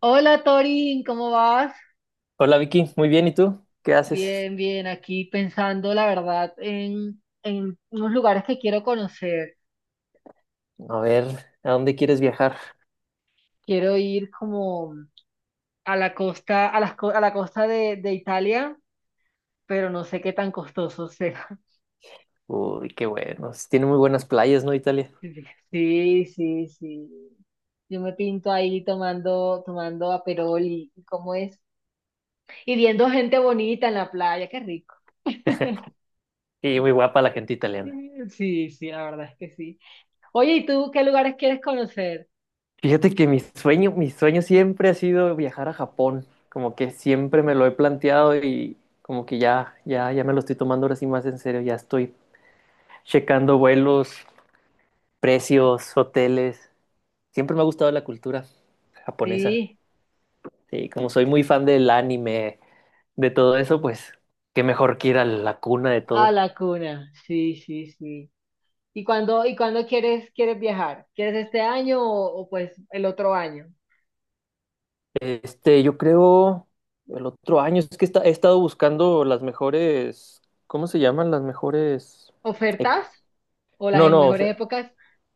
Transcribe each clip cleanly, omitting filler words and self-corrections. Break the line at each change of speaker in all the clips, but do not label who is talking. Hola Torin, ¿cómo vas?
Hola Vicky, muy bien, ¿y tú? ¿Qué haces?
Bien, bien, aquí pensando la verdad en unos lugares que quiero conocer.
A ver, ¿a dónde quieres viajar?
Quiero ir como a la costa, a la costa de Italia, pero no sé qué tan costoso sea.
Uy, qué bueno. Sí, tiene muy buenas playas, ¿no, Italia?
Sí, sí, sí. Yo me pinto ahí tomando aperol y cómo es. Y viendo gente bonita en la playa, qué rico.
Y muy guapa la gente italiana.
Sí, sí, sí, la verdad es que sí. Oye, ¿y tú qué lugares quieres conocer?
Fíjate que mi sueño siempre ha sido viajar a Japón. Como que siempre me lo he planteado y como que ya, ya, ya me lo estoy tomando ahora sí más en serio. Ya estoy checando vuelos, precios, hoteles. Siempre me ha gustado la cultura japonesa.
Sí.
Sí, como soy muy fan del anime, de todo eso, pues qué mejor que ir a la cuna de
A
todo.
la cuna, sí, sí, sí. ¿Y cuándo quieres, quieres viajar? ¿Quieres este año pues el otro año?
Este, yo creo el otro año, es que he estado buscando las mejores, ¿cómo se llaman? Las mejores, ep-
¿Ofertas o las
no,
en
no, o sea,
mejores épocas?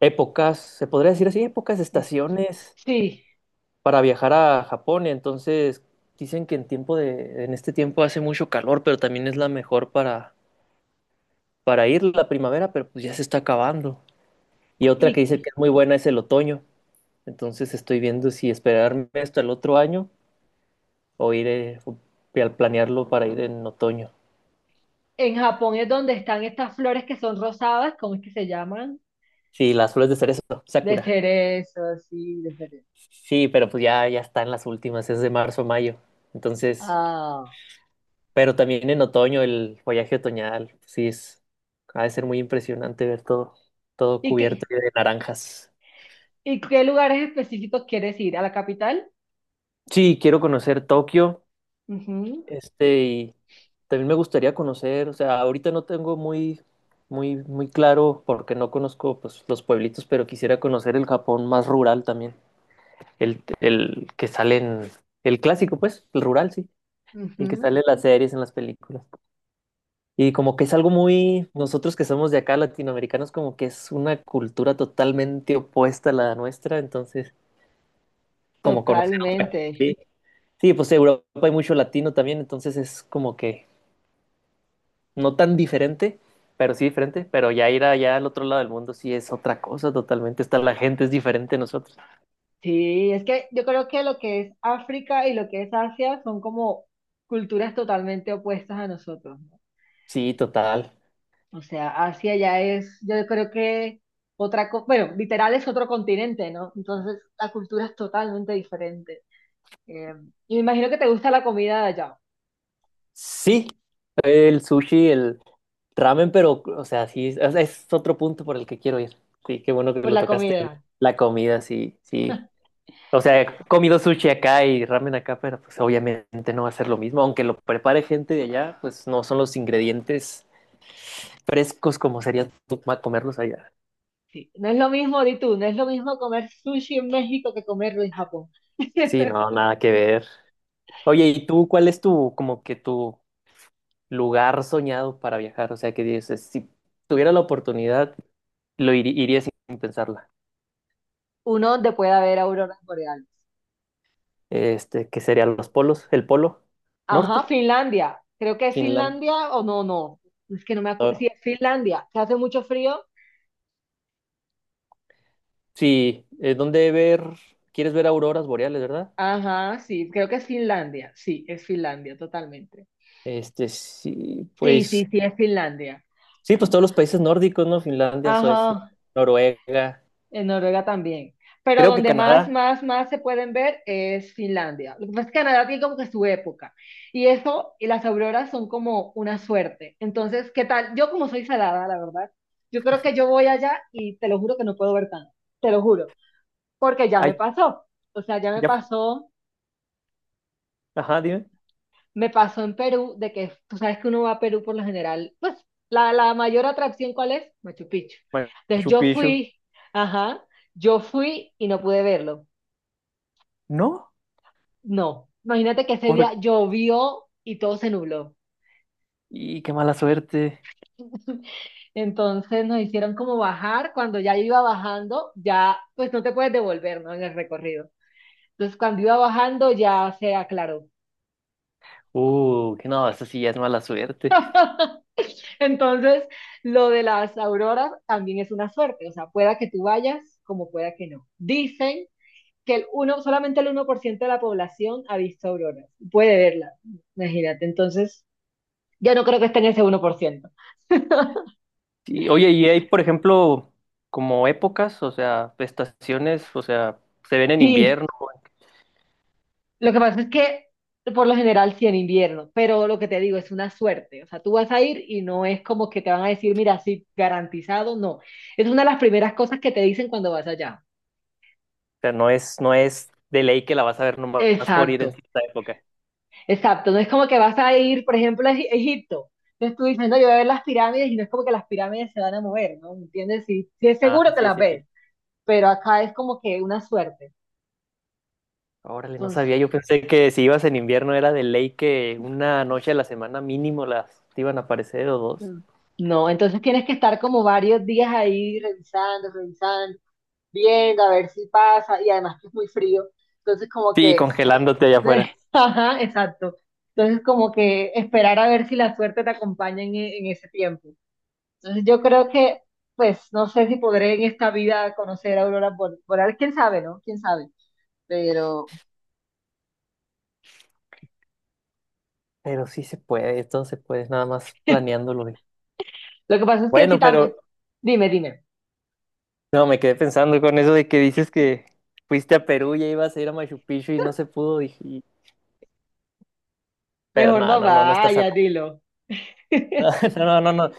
épocas, se podría decir así, épocas, estaciones
Sí.
para viajar a Japón. Entonces, dicen que en este tiempo hace mucho calor, pero también es la mejor para ir la primavera, pero pues ya se está acabando. Y otra que dice
Y
que es muy buena es el otoño. Entonces, estoy viendo si esperarme hasta el otro año o ir, al planearlo para ir en otoño.
en Japón es donde están estas flores que son rosadas, ¿cómo es que se llaman?
Sí, las flores de cerezo,
De
Sakura.
cerezo, sí, de cerezo.
Sí, pero pues ya, ya están las últimas, es de marzo a mayo. Entonces,
Ah.
pero también en otoño, el follaje otoñal, sí es, ha de ser muy impresionante ver todo, todo
¿Y
cubierto
qué,
de naranjas.
y qué lugares específicos quieres ir? ¿A la capital?
Sí, quiero conocer Tokio,
Ujú,
este, y también me gustaría conocer, o sea, ahorita no tengo muy, muy, muy claro porque no conozco pues los pueblitos, pero quisiera conocer el Japón más rural también, el que sale en, el clásico, pues, el rural, sí. El que
ujú.
sale en las series, en las películas. Y como que es algo muy, nosotros que somos de acá, latinoamericanos, como que es una cultura totalmente opuesta a la nuestra, entonces, como conocer otra.
Totalmente.
Sí, sí, pues Europa hay mucho latino también, entonces es como que no tan diferente, pero sí diferente, pero ya ir allá al otro lado del mundo sí es otra cosa totalmente, está la gente es diferente a nosotros.
Sí, es que yo creo que lo que es África y lo que es Asia son como culturas totalmente opuestas a nosotros, ¿no?
Sí, total.
O sea, Asia ya es, yo creo que bueno, literal es otro continente, ¿no? Entonces la cultura es totalmente diferente. Eh, y me imagino que te gusta la comida de allá,
Sí, el sushi, el... Ramen, pero, o sea, sí, es otro punto por el que quiero ir. Sí, qué bueno que
por
lo
la
tocaste.
comida,
La comida, sí, sí. O sea, he comido sushi acá y ramen acá, pero pues obviamente no va a ser lo mismo. Aunque lo prepare gente de allá, pues no son los ingredientes frescos como sería comerlos allá.
sí. No es lo mismo, di tú, no es lo mismo comer sushi en México que comerlo en Japón.
Sí, no, nada que ver. Oye, ¿y tú cuál es tu, como que tu lugar soñado para viajar? O sea, que dices, si tuviera la oportunidad, iría sin pensarla.
Uno donde pueda ver auroras boreales.
Este, que serían los polos, el polo
Ajá,
norte,
Finlandia. Creo que es
Finlandia.
Finlandia o no, no. Es que no me acuerdo.
Ah,
Sí, es Finlandia, que hace mucho frío.
sí, ¿dónde ver? ¿Quieres ver auroras boreales, verdad?
Ajá, sí, creo que es Finlandia. Sí, es Finlandia, totalmente.
Este,
Sí, sí, sí, es Finlandia.
sí, pues todos los países nórdicos, ¿no? Finlandia, Suecia,
Ajá,
Noruega,
en Noruega también. Pero
creo que
donde más,
Canadá.
más, más se pueden ver es Finlandia. Lo que pasa es que Canadá tiene como que su época. Y eso, y las auroras son como una suerte. Entonces, ¿qué tal? Yo como soy salada, la verdad, yo creo que yo voy allá y te lo juro que no puedo ver tanto. Te lo juro, porque ya me
Ay,
pasó. O sea, ya
ya, ajá, dime.
me pasó en Perú, de que tú sabes que uno va a Perú por lo general, pues la mayor atracción, ¿cuál es? Machu Picchu. Entonces
Machu
yo
Picchu.
fui, ajá, yo fui y no pude verlo.
No,
No, imagínate que ese día
por...
llovió y todo se nubló.
Y qué mala suerte.
Entonces nos hicieron como bajar, cuando ya yo iba bajando, ya pues no te puedes devolver, ¿no? En el recorrido. Entonces cuando iba bajando ya se aclaró.
Que no, eso sí ya es mala suerte.
Entonces, lo de las auroras también es una suerte, o sea, pueda que tú vayas como pueda que no. Dicen que solamente el 1% de la población ha visto auroras, puede verlas, imagínate. Entonces, ya no creo que esté en ese 1%.
Sí, oye, y hay, por ejemplo, como épocas, o sea, estaciones, o sea, se ven en
Sí,
invierno, o
lo que pasa es que por lo general sí en invierno, pero lo que te digo es una suerte, o sea, tú vas a ir y no es como que te van a decir, mira, sí, garantizado, no. Es una de las primeras cosas que te dicen cuando vas allá.
sea, no es, no es de ley que la vas a ver nomás por ir
Exacto,
en cierta época.
exacto, no es como que vas a ir, por ejemplo, Egipto. Entonces tú dices, no, yo voy a ver las pirámides y no es como que las pirámides se van a mover, ¿no? ¿Entiendes? Sí, sí es
Ah,
seguro que
sí,
las
sí, sí.
ves, pero acá es como que una suerte.
Órale, no
Entonces,
sabía, yo pensé que si ibas en invierno era de ley que una noche a la semana mínimo las te iban a aparecer o dos.
mm, no, entonces tienes que estar como varios días ahí viendo a ver si pasa y además que es muy frío. Entonces como
Sí,
que,
congelándote allá afuera.
ajá, exacto. Entonces como que esperar a ver si la suerte te acompaña en, en ese tiempo. Entonces yo creo que, pues, no sé si podré en esta vida conocer a Boreal, quién sabe, ¿no? Quién sabe. Pero
Pero sí se puede, todo se puede, nada más planeándolo. Güey.
lo que pasa es que si
Bueno,
también,
pero
dime, dime,
no, me quedé pensando con eso de que dices que fuiste a Perú y ibas a ir a Machu Picchu y no se pudo. Dije, pero
mejor
no,
no
no, no, no está
vaya,
salada.
dilo.
No, no, no, no.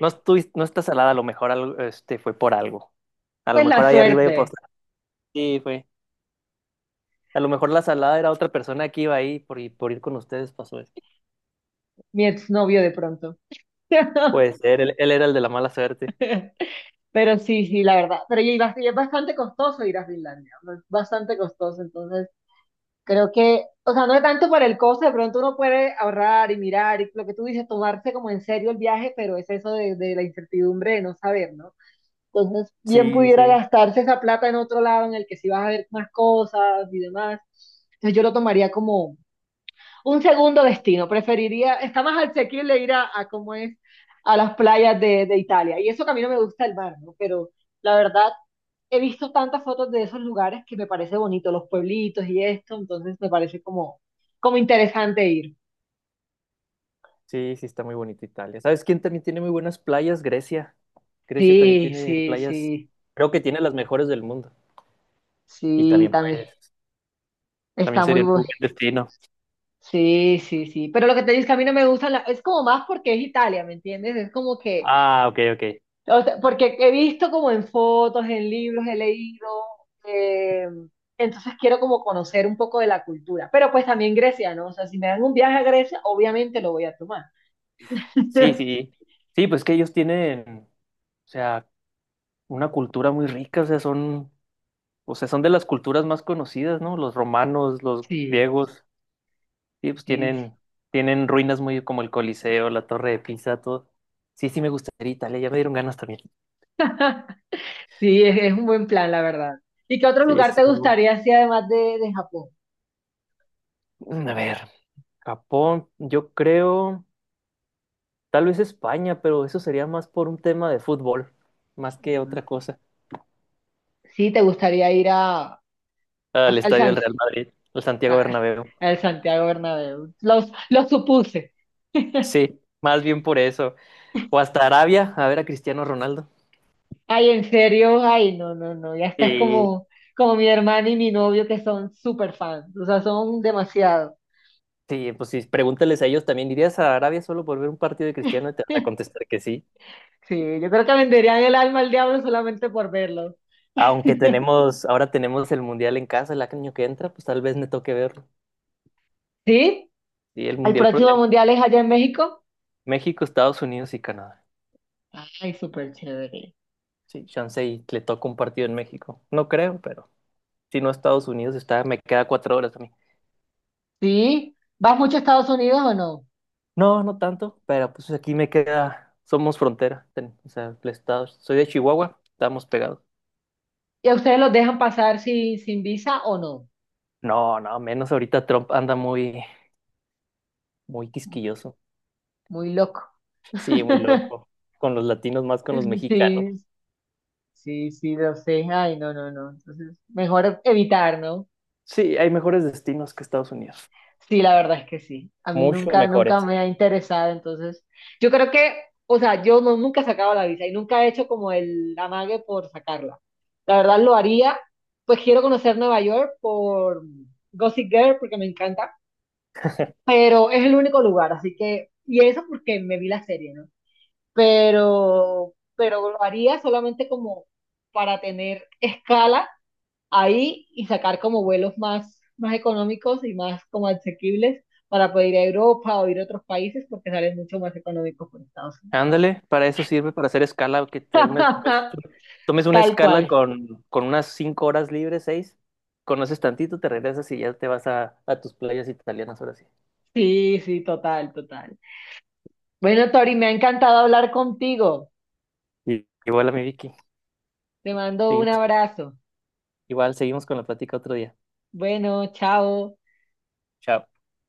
No, no está salada, a lo mejor algo, este, fue por algo. A lo
Pues
mejor
la
ahí arriba yo pasé.
suerte,
Sí, fue. A lo mejor la salada era otra persona que iba ahí por, y por ir con ustedes pasó eso.
mi exnovio de pronto.
Puede ser, él era el de la mala suerte.
Pero sí, sí, la verdad. Pero y es bastante costoso ir a Finlandia, ¿no? Es bastante costoso. Entonces, creo que, o sea, no es tanto por el costo, de pronto uno puede ahorrar y mirar y lo que tú dices, tomarse como en serio el viaje, pero es eso de la incertidumbre de no saber, ¿no? Entonces, bien
Sí,
pudiera
sí,
gastarse esa plata en otro lado en el que sí vas a ver más cosas y demás. Entonces, yo lo tomaría como un segundo destino. Preferiría, está más asequible ir a cómo es, a las playas de Italia. Y eso que a mí no me gusta el mar, ¿no? Pero la verdad, he visto tantas fotos de esos lugares que me parece bonito, los pueblitos y esto. Entonces, me parece como, como interesante ir.
sí, sí, está muy bonito Italia. ¿Sabes quién también tiene muy buenas playas? Grecia. Grecia también
Sí,
tiene
sí,
playas,
sí,
creo que tiene las mejores del mundo. Y
sí,
también,
también.
pues, también
Está muy
sería un
bueno.
muy buen destino.
Sí, sí, sí. Pero lo que te digo es que a mí no me gustan, es como más porque es Italia, ¿me entiendes? Es como que,
Ah, ok, ok.
o sea, porque he visto como en fotos, en libros, he leído, eh, entonces quiero como conocer un poco de la cultura. Pero pues también Grecia, ¿no? O sea, si me dan un viaje a Grecia, obviamente lo voy a tomar.
Sí, sí. Sí, pues que ellos tienen. O sea, una cultura muy rica, o sea, son de las culturas más conocidas, ¿no? Los romanos, los
Sí,
griegos, sí, pues
sí, sí,
tienen ruinas muy como el Coliseo, la Torre de Pisa, todo. Sí, sí me gustaría Italia, ya me dieron ganas también.
sí, es un buen plan, la verdad. ¿Y qué otro
Sí,
lugar
sí,
te
son muy-
gustaría, si además de Japón?
Mm, a ver, Japón, yo creo, tal vez España, pero eso sería más por un tema de fútbol, más que
Ujú.
otra cosa.
Sí, te gustaría ir a,
Al
al
estadio del
San,
Real Madrid, el Santiago
ah,
Bernabéu.
el Santiago Bernabéu. Los, lo supuse.
Sí, más bien por eso. O hasta Arabia, a ver a Cristiano Ronaldo.
Ay, en serio, ay, no, no, no. Ya estás
Sí.
como, como mi hermana y mi novio que son súper fans. O sea, son demasiado.
Sí, pues sí, pregúntales a ellos también, ¿irías a Arabia solo por ver un partido de Cristiano? Y te van a contestar que sí.
Sí, yo creo que venderían el alma al diablo solamente por verlo.
Aunque tenemos, ahora tenemos el Mundial en casa el año que entra, pues tal vez me toque verlo.
¿Sí?
Y el
¿El
Mundial pro-
próximo mundial es allá en México?
México, Estados Unidos y Canadá.
Ay, súper chévere.
Sí, chance y le toca un partido en México. No creo, pero si no Estados Unidos está, me queda 4 horas a mí.
¿Sí? ¿Vas mucho a Estados Unidos o no?
No, no tanto, pero pues aquí me queda, somos frontera, o sea, el estado, soy de Chihuahua, estamos pegados.
¿Y a ustedes los dejan pasar sin visa o no?
No, no, menos ahorita Trump anda muy, muy quisquilloso.
Muy loco.
Sí, muy loco. Con los latinos más con los mexicanos.
Sí, sí, sí, lo sé. Ay, no, no, no. Entonces, mejor evitar, ¿no?
Sí, hay mejores destinos que Estados Unidos.
Sí, la verdad es que sí. A mí
Mucho
nunca, nunca
mejores.
me ha interesado. Entonces, yo creo que, o sea, yo no, nunca he sacado la visa y nunca he hecho como el amague por sacarla. La verdad lo haría. Pues quiero conocer Nueva York por Gossip Girl porque me encanta, pero es el único lugar, así que, y eso porque me vi la serie, ¿no? Pero lo haría solamente como para tener escala ahí y sacar como vuelos más, más económicos y más como asequibles para poder ir a Europa o ir a otros países porque salen mucho más económicos por Estados Unidos.
Ándale, para eso sirve, para hacer escala, que Pues, tomes una
Tal
escala
cual.
con unas 5 horas libres, seis, conoces tantito, te regresas y ya te vas a tus playas italianas ahora sí.
Sí, sí, total, total. Bueno, Tori, me ha encantado hablar contigo.
Y, igual a mi Vicky,
Te mando un
seguimos,
abrazo.
igual seguimos con la plática otro día.
Bueno, chao.
Chao.